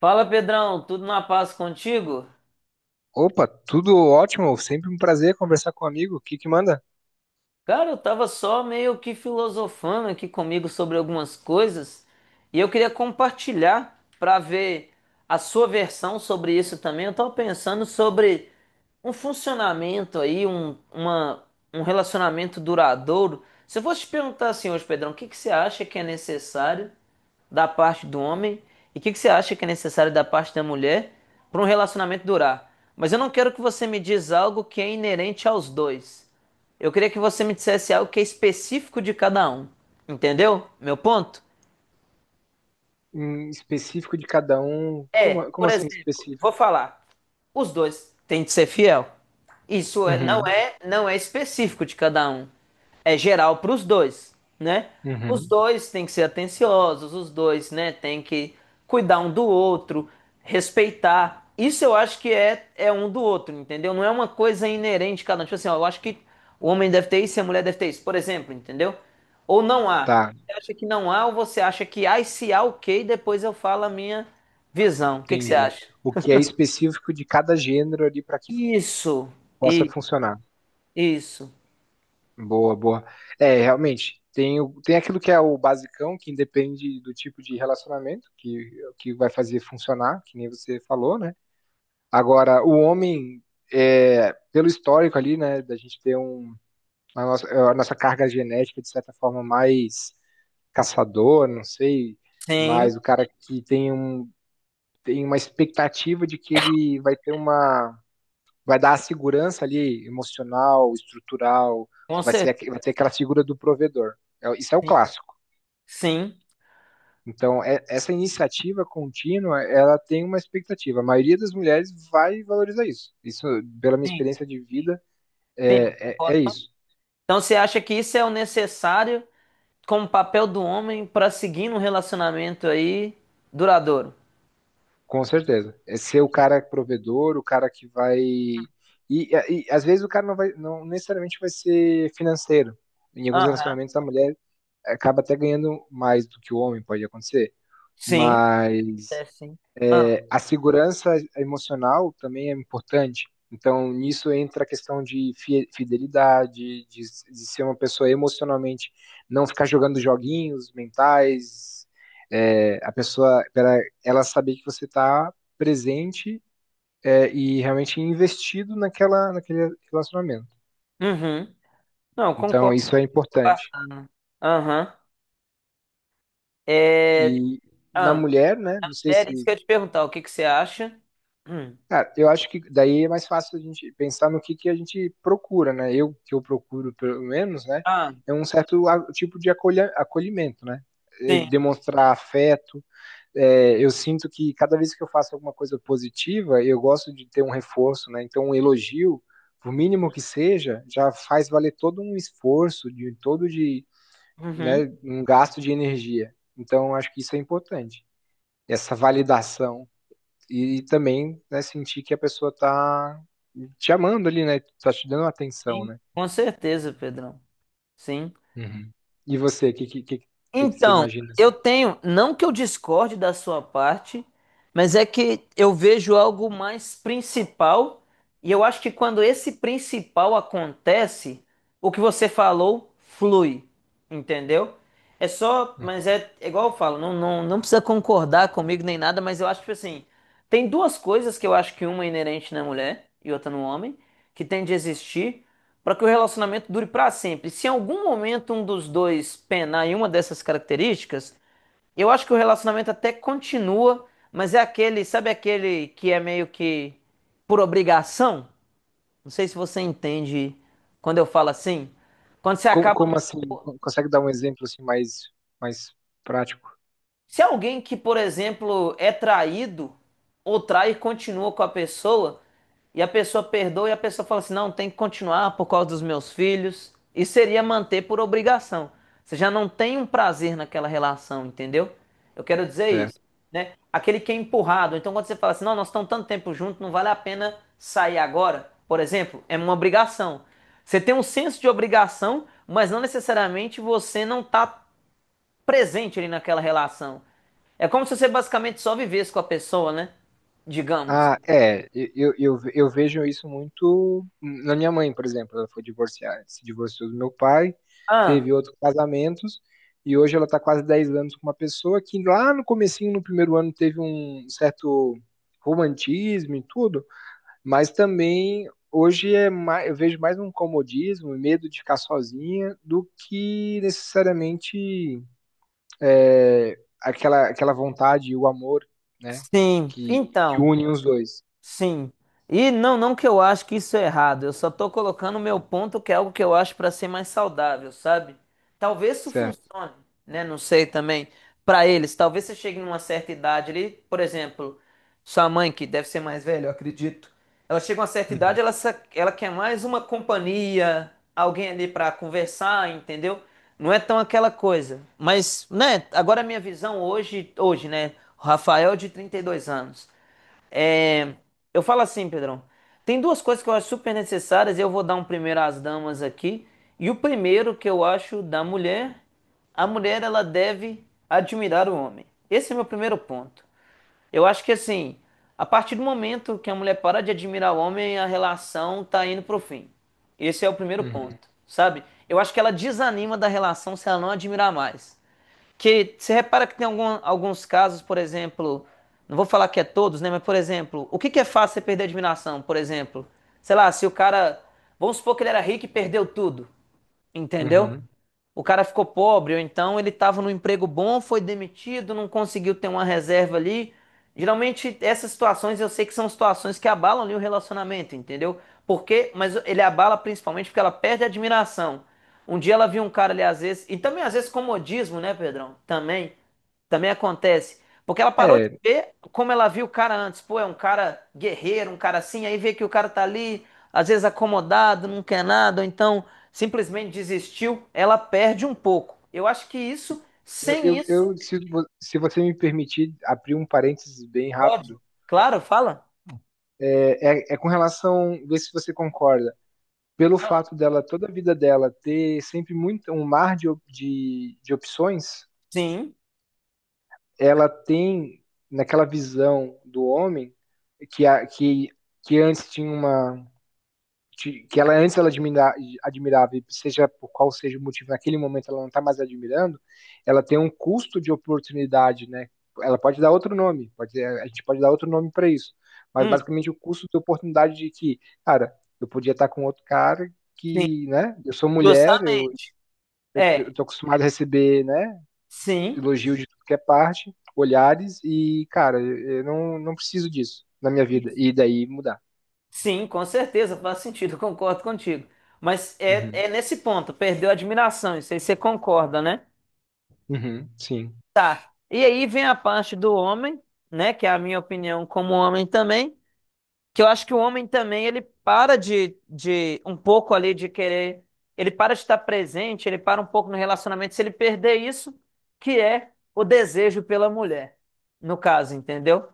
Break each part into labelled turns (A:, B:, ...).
A: Fala Pedrão, tudo na paz contigo?
B: Opa, tudo ótimo, sempre um prazer conversar com um amigo. O que que manda?
A: Cara, eu tava só meio que filosofando aqui comigo sobre algumas coisas e eu queria compartilhar pra ver a sua versão sobre isso também. Eu tava pensando sobre um funcionamento aí, um relacionamento duradouro. Se eu fosse te perguntar assim hoje, Pedrão, o que que você acha que é necessário da parte do homem e o que que você acha que é necessário da parte da mulher para um relacionamento durar? Mas eu não quero que você me diz algo que é inerente aos dois. Eu queria que você me dissesse algo que é específico de cada um. Entendeu? Meu ponto?
B: Em específico de cada um.
A: É,
B: Como
A: por
B: assim
A: exemplo,
B: específico?
A: vou falar. Os dois têm de ser fiel. Não
B: Uhum,
A: é não é específico de cada um. É geral para os dois, né? Os
B: uhum.
A: dois têm que ser atenciosos, os dois, né, têm que cuidar um do outro, respeitar. Isso eu acho que é um do outro, entendeu? Não é uma coisa inerente de cada um. Tipo assim, ó, eu acho que o homem deve ter isso e a mulher deve ter isso, por exemplo, entendeu? Ou não há.
B: Tá,
A: Você acha que não há ou você acha que há e se há, ok, depois eu falo a minha visão, o que que você
B: entendi.
A: acha?
B: O que é específico de cada gênero ali para que
A: Isso,
B: possa
A: e
B: funcionar.
A: isso.
B: Boa, boa. É, realmente, tem aquilo que é o basicão, que independe do tipo de relacionamento, que vai fazer funcionar, que nem você falou, né? Agora, o homem, pelo histórico ali, né, da gente ter a nossa carga genética, de certa forma, mais caçador, não sei,
A: Sim,
B: mas o cara que tem uma expectativa de que ele vai ter uma. Vai dar a segurança ali emocional, estrutural,
A: com
B: vai, ser, aqu-
A: certeza.
B: vai ter aquela figura do provedor. Isso é o
A: Sim,
B: clássico.
A: sim,
B: Então, essa iniciativa contínua, ela tem uma expectativa. A maioria das mulheres vai valorizar isso. Isso, pela minha
A: sim.
B: experiência de vida,
A: Sim, eu
B: é, é, é
A: concordo.
B: isso.
A: Então você acha que isso é o necessário como papel do homem para seguir num relacionamento aí duradouro?
B: Com certeza. É ser o cara provedor, o cara que vai. E às vezes o cara não vai, não necessariamente vai ser financeiro. Em alguns
A: Aham.
B: relacionamentos a mulher acaba até ganhando mais do que o homem, pode acontecer.
A: Sim, é
B: Mas
A: sim. Ah,
B: a segurança emocional também é importante. Então, nisso entra a questão de fidelidade, de ser uma pessoa emocionalmente, não ficar jogando joguinhos mentais, a pessoa, ela saber que você está presente e realmente investido naquele relacionamento.
A: uhum. Não,
B: Então,
A: concordo.
B: isso é importante.
A: Bacana. Aham.
B: E
A: É,
B: na
A: ah,
B: mulher, né, não sei
A: era isso
B: se.
A: que eu ia te perguntar, o que que você acha? Hum.
B: Cara, eu acho que daí é mais fácil a gente pensar no que a gente procura, né? Que eu procuro, pelo menos, né?
A: Ah,
B: É um certo tipo de acolhimento, né? É,
A: sim.
B: demonstrar afeto. É, eu sinto que cada vez que eu faço alguma coisa positiva, eu gosto de ter um reforço, né? Então, um elogio, por mínimo que seja, já faz valer todo um esforço,
A: Uhum.
B: né, um gasto de energia. Então, eu acho que isso é importante. Essa validação. E também, né, sentir que a pessoa tá te amando ali, né? Tá te dando atenção,
A: Sim,
B: né?
A: com certeza, Pedrão. Sim.
B: Uhum. E você, o que que você
A: Então,
B: imagina
A: eu
B: assim?
A: tenho, não que eu discorde da sua parte, mas é que eu vejo algo mais principal, e eu acho que quando esse principal acontece, o que você falou flui, entendeu? É só,
B: Uhum.
A: mas é igual eu falo, não, não, não precisa concordar comigo nem nada, mas eu acho que assim, tem duas coisas que eu acho que uma é inerente na mulher e outra no homem, que tem de existir para que o relacionamento dure para sempre. Se em algum momento um dos dois penar em uma dessas características, eu acho que o relacionamento até continua, mas é aquele, sabe aquele que é meio que por obrigação? Não sei se você entende quando eu falo assim. Quando você
B: Como,
A: acaba
B: como assim? Consegue dar um exemplo assim mais prático?
A: Se alguém que, por exemplo, é traído ou trai e continua com a pessoa, e a pessoa perdoa e a pessoa fala assim: não, tem que continuar por causa dos meus filhos, isso seria manter por obrigação. Você já não tem um prazer naquela relação, entendeu? Eu quero dizer isso, né? Aquele que é empurrado. Então, quando você fala assim: não, nós estamos tanto tempo juntos, não vale a pena sair agora, por exemplo, é uma obrigação. Você tem um senso de obrigação, mas não necessariamente você não está presente ali naquela relação. É como se você basicamente só vivesse com a pessoa, né? Digamos.
B: Ah, eu vejo isso muito na minha mãe, por exemplo, ela foi divorciada, se divorciou do meu pai,
A: Ah,
B: teve outros casamentos, e hoje ela está quase 10 anos com uma pessoa que lá no comecinho, no primeiro ano, teve um certo romantismo e tudo, mas também hoje é mais, eu vejo mais um comodismo, medo de ficar sozinha, do que necessariamente aquela vontade e o amor, né,
A: sim.
B: que
A: Então.
B: une os dois.
A: Sim. E não, não que eu acho que isso é errado, eu só tô colocando o meu ponto que é algo que eu acho para ser mais saudável, sabe? Talvez isso
B: Certo.
A: funcione, né? Não sei também para eles. Talvez você chegue numa certa idade ali, por exemplo, sua mãe que deve ser mais velha, eu acredito. Ela chega a uma certa
B: Uhum,
A: idade, ela quer mais uma companhia, alguém ali para conversar, entendeu? Não é tão aquela coisa. Mas, né, agora a minha visão hoje, hoje, né, o Rafael é de 32 anos. É, eu falo assim, Pedrão. Tem duas coisas que eu acho super necessárias. E eu vou dar um primeiro às damas aqui. E o primeiro que eu acho da mulher, a mulher ela deve admirar o homem. Esse é meu primeiro ponto. Eu acho que assim, a partir do momento que a mulher para de admirar o homem, a relação tá indo pro fim. Esse é o primeiro
B: uhum,
A: ponto, sabe? Eu acho que ela desanima da relação se ela não admirar mais, que você repara que tem alguns casos, por exemplo, não vou falar que é todos, né? Mas, por exemplo, o que que é fácil você perder a admiração? Por exemplo, sei lá, se o cara, vamos supor que ele era rico e perdeu tudo, entendeu?
B: uhum.
A: O cara ficou pobre, ou então ele estava num emprego bom, foi demitido, não conseguiu ter uma reserva ali. Geralmente, essas situações eu sei que são situações que abalam ali o relacionamento, entendeu? Porque, mas ele abala principalmente porque ela perde a admiração. Um dia ela viu um cara ali, às vezes, e também às vezes comodismo, né, Pedrão? Também. Também acontece. Porque ela parou de
B: É,
A: ver como ela viu o cara antes. Pô, é um cara guerreiro, um cara assim. Aí vê que o cara tá ali, às vezes acomodado, não quer nada, ou então simplesmente desistiu. Ela perde um pouco. Eu acho que isso, sem isso,
B: eu se, vo- se você me permitir abrir um parênteses bem
A: pode.
B: rápido,
A: Claro, fala?
B: é com relação, ver se você concorda, pelo fato dela, toda a vida dela, ter sempre muito um mar de opções,
A: Sim.
B: ela tem, naquela visão do homem, que, a, que, que antes tinha uma. Que ela antes ela admirava, e seja por qual seja o motivo, naquele momento ela não está mais admirando, ela tem um custo de oportunidade, né? Ela pode dar outro nome, pode, a gente pode dar outro nome para isso, mas
A: Hum,
B: basicamente o custo de oportunidade de que, cara, eu podia estar com outro cara
A: sim.
B: que, né? Eu sou mulher, eu,
A: Justamente.
B: eu, eu
A: É,
B: tô acostumado a receber, né?
A: sim.
B: Elogio de tudo que é parte, olhares e, cara, eu não preciso disso na minha vida
A: Isso.
B: e daí mudar.
A: Sim, com certeza, faz sentido, eu concordo contigo. Mas é,
B: Uhum,
A: é nesse ponto, perdeu a admiração, isso aí você concorda, né?
B: uhum, sim,
A: Tá. E aí vem a parte do homem, né? Que é a minha opinião como homem também. Que eu acho que o homem também, ele para de um pouco ali de querer. Ele para de estar presente, ele para um pouco no relacionamento se ele perder isso, que é o desejo pela mulher. No caso, entendeu?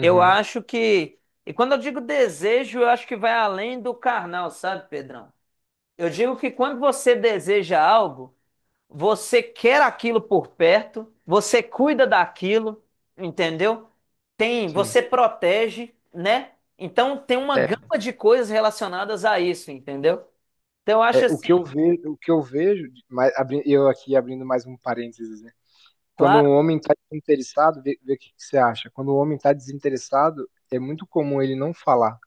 A: Eu acho que. E quando eu digo desejo, eu acho que vai além do carnal, sabe, Pedrão? Eu digo que quando você deseja algo. Você quer aquilo por perto, você cuida daquilo, entendeu? Tem,
B: sim.
A: você protege, né? Então tem uma
B: É,
A: gama de coisas relacionadas a isso, entendeu? Então eu acho
B: é o que eu
A: assim,
B: vejo, o que eu vejo, mas eu aqui abrindo mais um parênteses, né? Quando
A: claro,
B: um homem está desinteressado, vê o que que você acha. Quando o homem está desinteressado, é muito comum ele não falar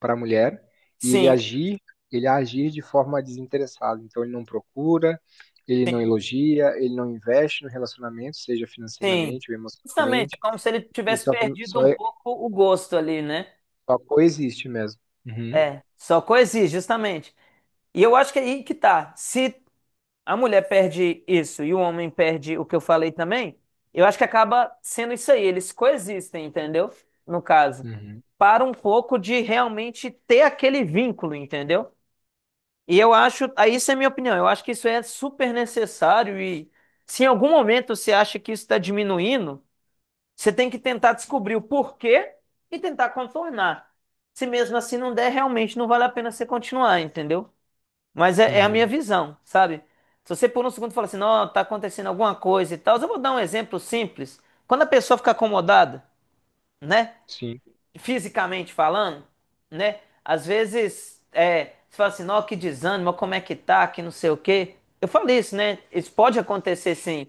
B: para a mulher e ele
A: sim,
B: agir, ele agir de forma desinteressada. Então ele não procura, ele não elogia, ele não investe no relacionamento, seja
A: sim.
B: financeiramente ou
A: Justamente, é
B: emocionalmente.
A: como se ele
B: Ele
A: tivesse perdido
B: só,
A: um
B: é-
A: pouco o gosto ali, né?
B: só coexiste mesmo. Uhum,
A: É, só coexiste, justamente. E eu acho que é aí que tá. Se a mulher perde isso e o homem perde o que eu falei também, eu acho que acaba sendo isso aí. Eles coexistem, entendeu? No caso,
B: uhum,
A: para um pouco de realmente ter aquele vínculo, entendeu? E eu acho, aí isso é minha opinião, eu acho que isso é super necessário e se em algum momento você acha que isso está diminuindo, você tem que tentar descobrir o porquê e tentar contornar. Se mesmo assim não der, realmente não vale a pena você continuar, entendeu? Mas é a minha
B: uhum,
A: visão, sabe? Se você por um segundo fala assim, não, tá acontecendo alguma coisa e tal, eu vou dar um exemplo simples. Quando a pessoa fica acomodada, né?
B: sim,
A: Fisicamente falando, né? Às vezes, é, você fala assim, não, que desânimo, como é que tá, que não sei o quê. Eu falei isso, né? Isso pode acontecer sim.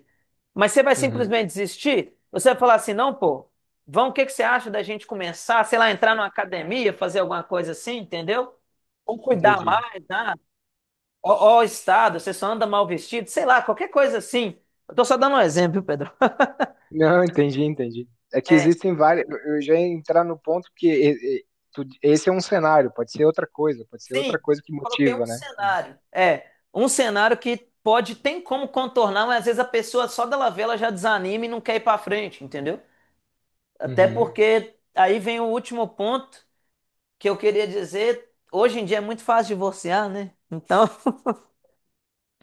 A: Mas você vai
B: uhum,
A: simplesmente desistir? Você vai falar assim, não, pô, vamos, o que que você acha da gente começar, sei lá, entrar numa academia, fazer alguma coisa assim, entendeu? Ou cuidar
B: entendi.
A: mais, né? Ó, ó, estado, você só anda mal vestido, sei lá, qualquer coisa assim. Eu tô só dando um exemplo, viu, Pedro.
B: Não, entendi, entendi. É que
A: É,
B: existem várias. Eu já ia entrar no ponto que e- tu- Esse é um cenário, pode ser outra coisa, pode ser outra
A: sim,
B: coisa que
A: coloquei um
B: motiva, né?
A: cenário. É, um cenário que pode, tem como contornar, mas às vezes a pessoa só dela ver, ela já desanima e não quer ir pra frente, entendeu? Até
B: Uhum.
A: porque aí vem o último ponto que eu queria dizer. Hoje em dia é muito fácil divorciar, né? Então,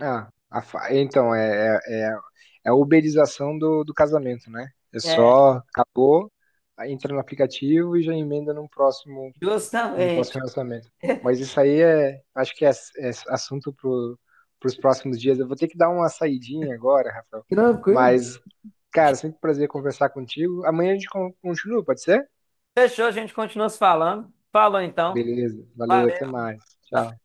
B: Ah, então, é a uberização do casamento, né? É
A: é,
B: só, acabou, aí entra no aplicativo e já emenda num próximo, um
A: justamente.
B: próximo relacionamento. Mas isso aí acho que é assunto para os próximos dias. Eu vou ter que dar uma saidinha agora, Rafael.
A: Tranquilo.
B: Mas, cara, sempre um prazer conversar contigo. Amanhã a gente continua, pode ser?
A: Fechou, a gente continua se falando. Falou então.
B: Beleza, valeu, até
A: Valeu.
B: mais. Tchau.